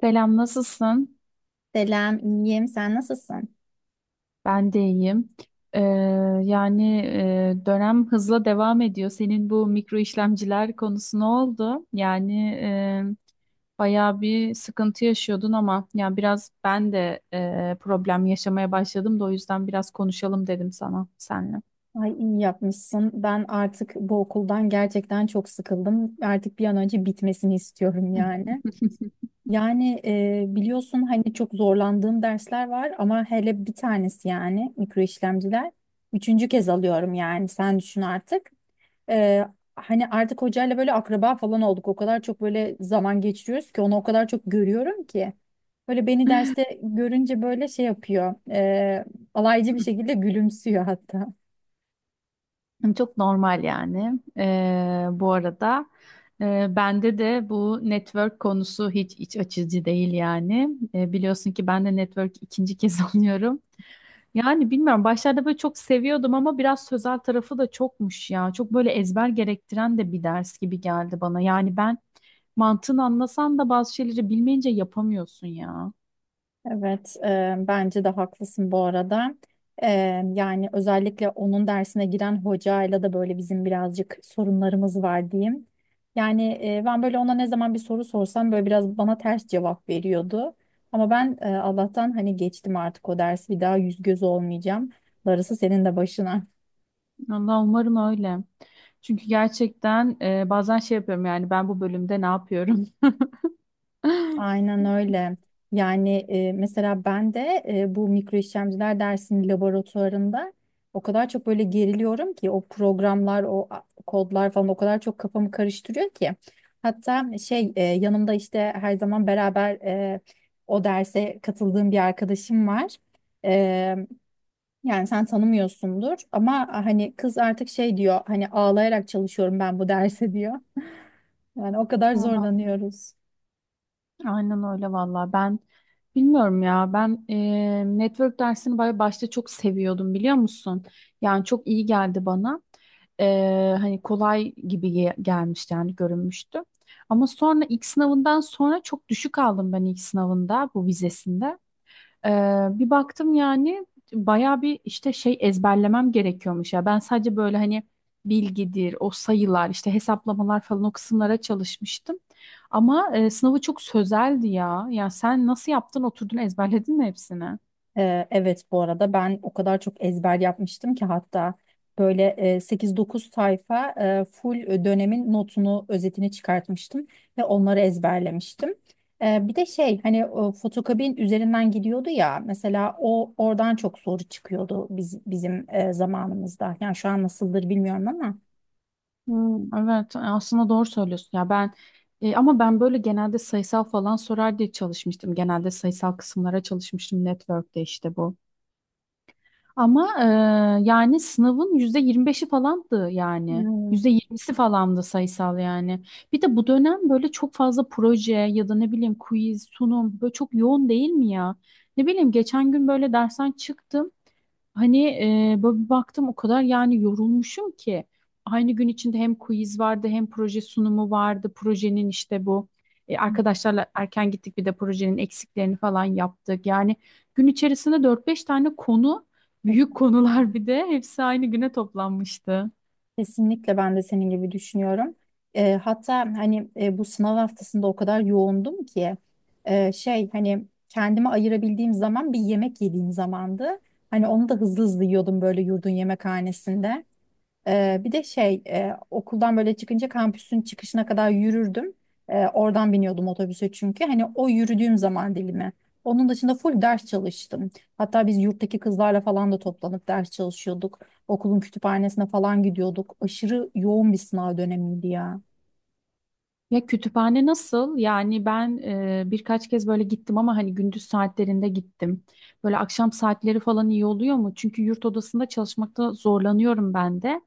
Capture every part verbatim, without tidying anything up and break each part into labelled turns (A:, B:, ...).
A: Selam, nasılsın?
B: Selam, iyiyim. Sen nasılsın?
A: Ben de iyiyim. Ee, yani e, dönem hızla devam ediyor. Senin bu mikro işlemciler konusu ne oldu? Yani e, bayağı bir sıkıntı yaşıyordun ama yani biraz ben de e, problem yaşamaya başladım da o yüzden biraz konuşalım dedim sana senle.
B: Ay iyi yapmışsın. Ben artık bu okuldan gerçekten çok sıkıldım. Artık bir an önce bitmesini istiyorum yani. Yani e, biliyorsun hani çok zorlandığım dersler var ama hele bir tanesi yani mikro işlemciler. Üçüncü kez alıyorum yani sen düşün artık. E, Hani artık hocayla böyle akraba falan olduk. O kadar çok böyle zaman geçiriyoruz ki onu o kadar çok görüyorum ki. Böyle beni derste görünce böyle şey yapıyor, e, alaycı bir şekilde gülümsüyor hatta.
A: Çok normal yani. Ee, bu arada e, bende de bu network konusu hiç iç açıcı değil yani. Ee, biliyorsun ki ben de network ikinci kez alıyorum. Yani bilmiyorum başlarda böyle çok seviyordum ama biraz sözel tarafı da çokmuş ya. Çok böyle ezber gerektiren de bir ders gibi geldi bana. Yani ben mantığını anlasan da bazı şeyleri bilmeyince yapamıyorsun ya.
B: Evet, e, bence de haklısın bu arada. E, yani özellikle onun dersine giren hocayla da böyle bizim birazcık sorunlarımız var diyeyim. Yani e, ben böyle ona ne zaman bir soru sorsam böyle biraz bana ters cevap veriyordu. Ama ben e, Allah'tan hani geçtim artık o dersi, bir daha yüz göz olmayacağım. Darısı senin de başına.
A: Allah umarım öyle. Çünkü gerçekten e, bazen şey yapıyorum yani ben bu bölümde ne yapıyorum?
B: Aynen öyle. Yani e, mesela ben de e, bu mikro işlemciler dersinin laboratuvarında o kadar çok böyle geriliyorum ki, o programlar, o a- kodlar falan o kadar çok kafamı karıştırıyor ki. Hatta şey e, yanımda işte her zaman beraber e, o derse katıldığım bir arkadaşım var. E, yani sen tanımıyorsundur ama, "Ah, hani kız artık şey diyor, hani ağlayarak çalışıyorum ben bu derse diyor." Yani o kadar
A: Vallahi.
B: zorlanıyoruz.
A: Aynen öyle valla. Ben bilmiyorum ya. Ben e, network dersini böyle başta çok seviyordum biliyor musun? Yani çok iyi geldi bana. E, hani kolay gibi ge- gelmişti yani görünmüştü. Ama sonra ilk sınavından sonra çok düşük aldım ben ilk sınavında bu vizesinde. Ee, bir baktım yani bayağı bir işte şey ezberlemem gerekiyormuş ya. Ben sadece böyle hani bilgidir, o sayılar, işte hesaplamalar falan o kısımlara çalışmıştım. Ama e, sınavı çok sözeldi ya. Ya sen nasıl yaptın? Oturdun ezberledin mi hepsini?
B: Ee, evet bu arada, ben o kadar çok ezber yapmıştım ki, hatta böyle e, sekiz dokuz sayfa e, full dönemin notunu, özetini çıkartmıştım ve onları ezberlemiştim. Ee, bir de şey, hani o fotokabin üzerinden gidiyordu ya mesela, o oradan çok soru çıkıyordu biz, bizim e, zamanımızda. Yani şu an nasıldır bilmiyorum ama.
A: Hmm, evet e, aslında doğru söylüyorsun ya ben e, ama ben böyle genelde sayısal falan sorar diye çalışmıştım. Genelde sayısal kısımlara çalışmıştım network'te işte bu. Ama e, yani sınavın yüzde yirmi beşi falandı yani. yüzde yirmisi falandı sayısal yani. Bir de bu dönem böyle çok fazla proje ya da ne bileyim quiz, sunum böyle çok yoğun değil mi ya? Ne bileyim geçen gün böyle dersten çıktım. Hani e, böyle bir baktım o kadar yani yorulmuşum ki. Aynı gün içinde hem quiz vardı hem proje sunumu vardı. Projenin işte bu e, arkadaşlarla erken gittik bir de projenin eksiklerini falan yaptık. Yani gün içerisinde dört beş tane konu. Büyük
B: Hmm.
A: konular, bir de hepsi aynı güne toplanmıştı.
B: Kesinlikle ben de senin gibi düşünüyorum. Eee, hatta hani e, bu sınav haftasında o kadar yoğundum ki, e, şey, hani kendime ayırabildiğim zaman bir yemek yediğim zamandı. Hani onu da hızlı hızlı yiyordum böyle yurdun yemekhanesinde. Ee, bir de şey, e, okuldan böyle çıkınca kampüsün çıkışına kadar yürürdüm. Ee, oradan biniyordum otobüse çünkü. Hani o yürüdüğüm zaman dilimi. Onun dışında full ders çalıştım. Hatta biz yurttaki kızlarla falan da toplanıp ders çalışıyorduk. Okulun kütüphanesine falan gidiyorduk. Aşırı yoğun bir sınav dönemiydi ya.
A: Ya kütüphane nasıl? Yani ben e, birkaç kez böyle gittim ama hani gündüz saatlerinde gittim. Böyle akşam saatleri falan iyi oluyor mu? Çünkü yurt odasında çalışmakta zorlanıyorum ben de.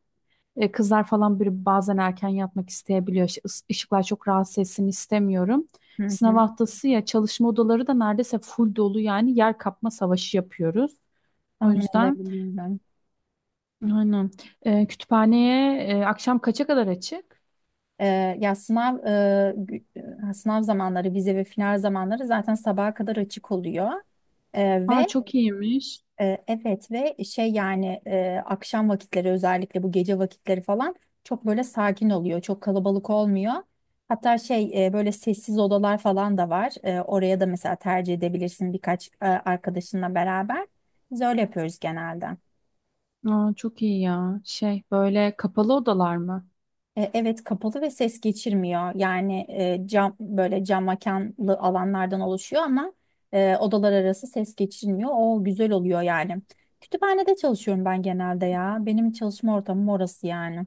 A: E, kızlar falan bir bazen erken yatmak isteyebiliyor. Işık- ıs- Işıklar çok rahatsız etsin istemiyorum.
B: Hı
A: Sınav
B: hı.
A: haftası ya çalışma odaları da neredeyse full dolu yani yer kapma savaşı yapıyoruz. O
B: Tahmin
A: yüzden
B: edebiliyorum ben.
A: aynen. E, kütüphaneye e, akşam kaça kadar açık?
B: Ee, ya sınav e, gü- e, sınav zamanları, vize ve final zamanları zaten sabaha kadar açık oluyor. Ee,
A: Aa
B: ve
A: çok iyiymiş.
B: E, Evet, ve şey yani e, akşam vakitleri, özellikle bu gece vakitleri falan çok böyle sakin oluyor. Çok kalabalık olmuyor. Hatta şey, e, böyle sessiz odalar falan da var. E, oraya da mesela tercih edebilirsin birkaç e, arkadaşınla beraber. Biz öyle yapıyoruz genelde.
A: Aa çok iyi ya. Şey böyle kapalı odalar mı?
B: E, Evet, kapalı ve ses geçirmiyor. Yani e, cam, böyle cam mekanlı alanlardan oluşuyor ama e, odalar arası ses geçirmiyor. O güzel oluyor yani. Kütüphanede çalışıyorum ben genelde ya. Benim çalışma ortamım orası yani.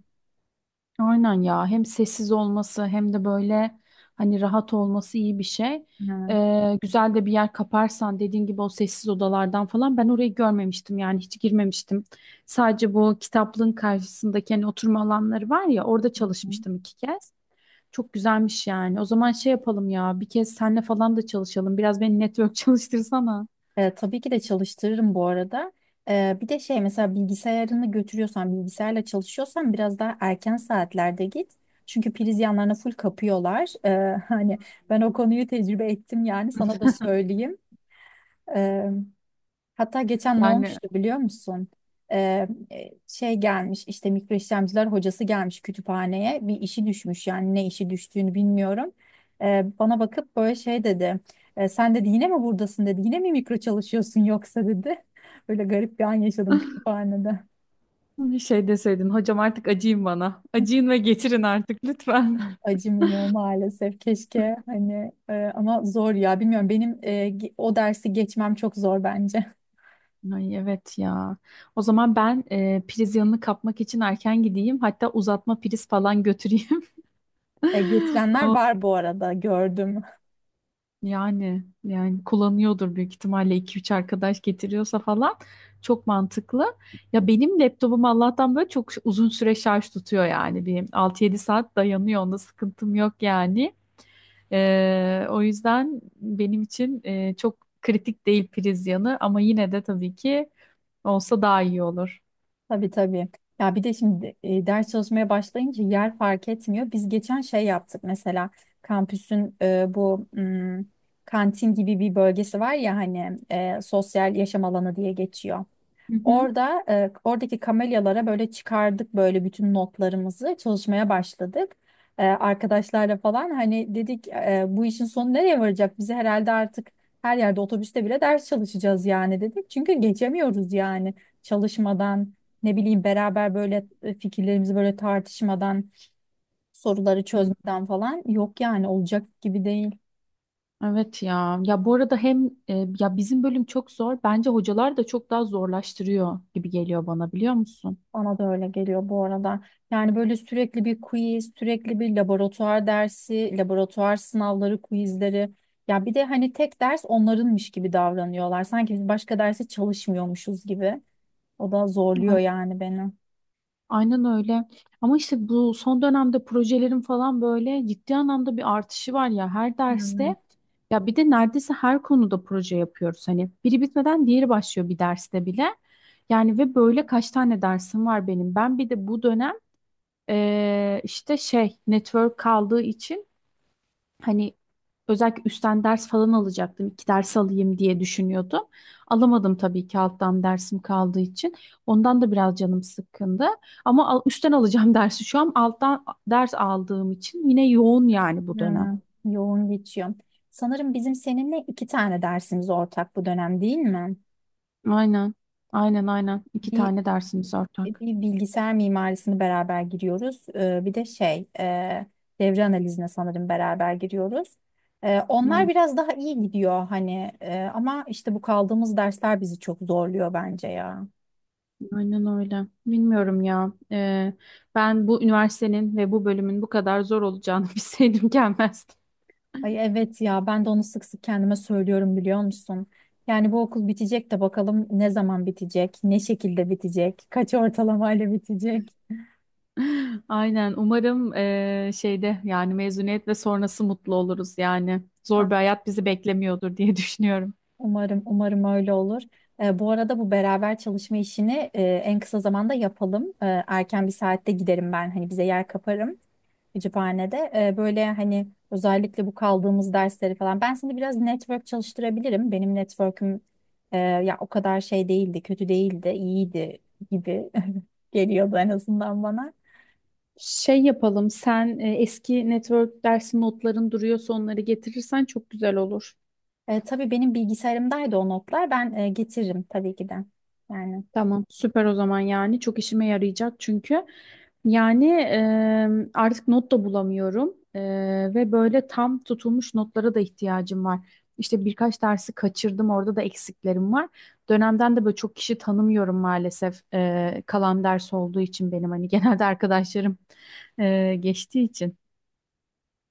A: Aynen ya. Hem sessiz olması hem de böyle hani rahat olması iyi bir şey.
B: Hı
A: Ee, güzel de bir yer kaparsan dediğin gibi o sessiz odalardan falan ben orayı görmemiştim yani hiç girmemiştim. Sadece bu kitaplığın karşısındaki hani oturma alanları var ya orada
B: hı.
A: çalışmıştım iki kez. Çok güzelmiş yani. O zaman şey yapalım ya bir kez senle falan da çalışalım. Biraz beni network çalıştırsana.
B: E, tabii ki de çalıştırırım bu arada. E, bir de şey, mesela bilgisayarını götürüyorsan, bilgisayarla çalışıyorsan biraz daha erken saatlerde git. Çünkü priz yanlarına full kapıyorlar. E, hani ben o konuyu tecrübe ettim, yani sana da söyleyeyim. E, Hatta geçen ne
A: Yani.
B: olmuştu biliyor musun? Ee, e, Şey gelmiş, işte mikro işlemciler hocası gelmiş kütüphaneye, bir işi düşmüş yani. Ne işi düştüğünü bilmiyorum. Ee, bana bakıp böyle şey dedi. "E, sen dedi, yine mi buradasın dedi. Yine mi mikro çalışıyorsun yoksa dedi." Böyle garip bir an yaşadım kütüphanede.
A: Bir şey deseydin hocam artık acıyın bana. Acıyın ve getirin artık lütfen.
B: Acımıyor maalesef, keşke. Hani e, ama zor ya, bilmiyorum, benim e, ge- o dersi geçmem çok zor bence.
A: Ay evet ya. O zaman ben e, priz yanını kapmak için erken gideyim. Hatta uzatma priz falan götüreyim.
B: E, getirenler
A: O,
B: var bu arada, gördüm.
A: yani yani kullanıyordur büyük ihtimalle iki üç arkadaş getiriyorsa falan. Çok mantıklı. Ya benim laptopum Allah'tan böyle çok uzun süre şarj tutuyor yani. Bir altı yedi saat dayanıyor. Onda sıkıntım yok yani. Ee, o yüzden benim için e, çok kritik değil priz yanı ama yine de tabii ki olsa daha iyi olur.
B: Tabii, tabii. Ya bir de şimdi e, ders çalışmaya başlayınca yer fark etmiyor. Biz geçen şey yaptık mesela, kampüsün e, bu mm, kantin gibi bir bölgesi var ya, hani e, sosyal yaşam alanı diye geçiyor.
A: Hı hı.
B: Orada e, oradaki kamelyalara böyle çıkardık, böyle bütün notlarımızı çalışmaya başladık. E, arkadaşlarla falan hani dedik e, bu işin sonu nereye varacak? Bizi herhalde artık her yerde, otobüste bile ders çalışacağız yani dedik. Çünkü geçemiyoruz yani çalışmadan, ne bileyim, beraber böyle e, fikirlerimizi böyle tartışmadan, soruları
A: Hı,
B: çözmeden falan yok yani, olacak gibi değil.
A: evet ya. Ya bu arada hem e, ya bizim bölüm çok zor. Bence hocalar da çok daha zorlaştırıyor gibi geliyor bana biliyor musun?
B: Bana da öyle geliyor bu arada. Yani böyle sürekli bir quiz, sürekli bir laboratuvar dersi, laboratuvar sınavları, quizleri. Ya bir de hani tek ders onlarınmış gibi davranıyorlar, sanki biz başka derse çalışmıyormuşuz gibi. O da zorluyor yani beni.
A: Aynen öyle. Ama işte bu son dönemde projelerin falan böyle ciddi anlamda bir artışı var ya her
B: Hmm,
A: derste. Ya bir de neredeyse her konuda proje yapıyoruz. Hani biri bitmeden diğeri başlıyor bir derste bile. Yani ve böyle kaç tane dersim var benim. Ben bir de bu dönem eee, işte şey network kaldığı için. Hani özellikle üstten ders falan alacaktım. İki ders alayım diye düşünüyordum. Alamadım tabii ki alttan dersim kaldığı için. Ondan da biraz canım sıkkındı. Ama al- üstten alacağım dersi şu an alttan ders aldığım için yine yoğun yani bu dönem.
B: evet. Yoğun geçiyor. Sanırım bizim seninle iki tane dersimiz ortak bu dönem, değil mi?
A: Aynen. Aynen, aynen. İki
B: Bir
A: tane dersimiz ortak.
B: bir bilgisayar mimarisini beraber giriyoruz. Ee, Bir de şey, e, devre analizine sanırım beraber giriyoruz. Ee, Onlar
A: Aynen,
B: biraz daha iyi gidiyor hani, e, ama işte bu kaldığımız dersler bizi çok zorluyor bence ya.
A: aynen öyle. Bilmiyorum ya. Ee, ben bu üniversitenin ve bu bölümün bu kadar zor olacağını bilseydim gelmezdim.
B: Ay evet ya, ben de onu sık sık kendime söylüyorum biliyor musun? Yani bu okul bitecek de, bakalım ne zaman bitecek, ne şekilde bitecek, kaç ortalamayla bitecek.
A: Aynen. Umarım eee, şeyde yani mezuniyet ve sonrası mutlu oluruz yani. Zor bir hayat bizi beklemiyordur diye düşünüyorum.
B: Umarım, umarım öyle olur. Ee, bu arada, bu beraber çalışma işini e, en kısa zamanda yapalım. Ee, erken bir saatte giderim ben, hani bize yer kaparım kütüphanede. Ee, böyle hani özellikle bu kaldığımız dersleri falan. Ben seni biraz network çalıştırabilirim. Benim network'üm e, ya o kadar şey değildi, kötü değildi, iyiydi gibi geliyordu en azından bana.
A: Şey yapalım, sen e, eski network dersi notların duruyorsa onları getirirsen çok güzel olur.
B: E, tabii, benim bilgisayarımdaydı o notlar. Ben e, getiririm tabii ki de. Yani.
A: Tamam, süper o zaman yani çok işime yarayacak çünkü yani e, artık not da bulamıyorum. E, ve böyle tam tutulmuş notlara da ihtiyacım var. İşte birkaç dersi kaçırdım orada da eksiklerim var. Dönemden de böyle çok kişi tanımıyorum maalesef. E, kalan ders olduğu için benim hani genelde arkadaşlarım e, geçtiği için.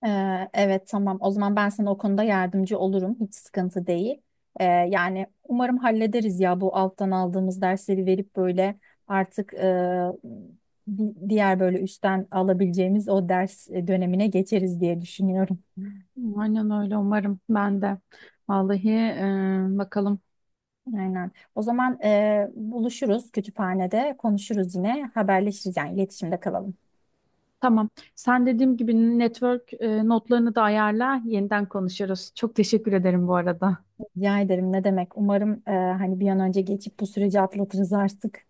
B: Ee, evet, tamam. O zaman ben sana o konuda yardımcı olurum, hiç sıkıntı değil. Ee, yani umarım hallederiz ya, bu alttan aldığımız dersleri verip böyle artık e, di- diğer böyle üstten alabileceğimiz o ders e, dönemine geçeriz diye düşünüyorum.
A: Aynen öyle umarım ben de. Vallahi e, bakalım.
B: Aynen. O zaman e, buluşuruz kütüphanede, konuşuruz yine, haberleşiriz yani, iletişimde kalalım.
A: Tamam. Sen dediğim gibi network e, notlarını da ayarla. Yeniden konuşuruz. Çok teşekkür ederim bu arada.
B: Rica ederim, ne demek. Umarım e, hani bir an önce geçip bu süreci atlatırız artık.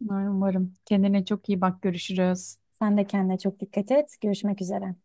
A: Umarım. Kendine çok iyi bak. Görüşürüz.
B: Sen de kendine çok dikkat et. Görüşmek üzere.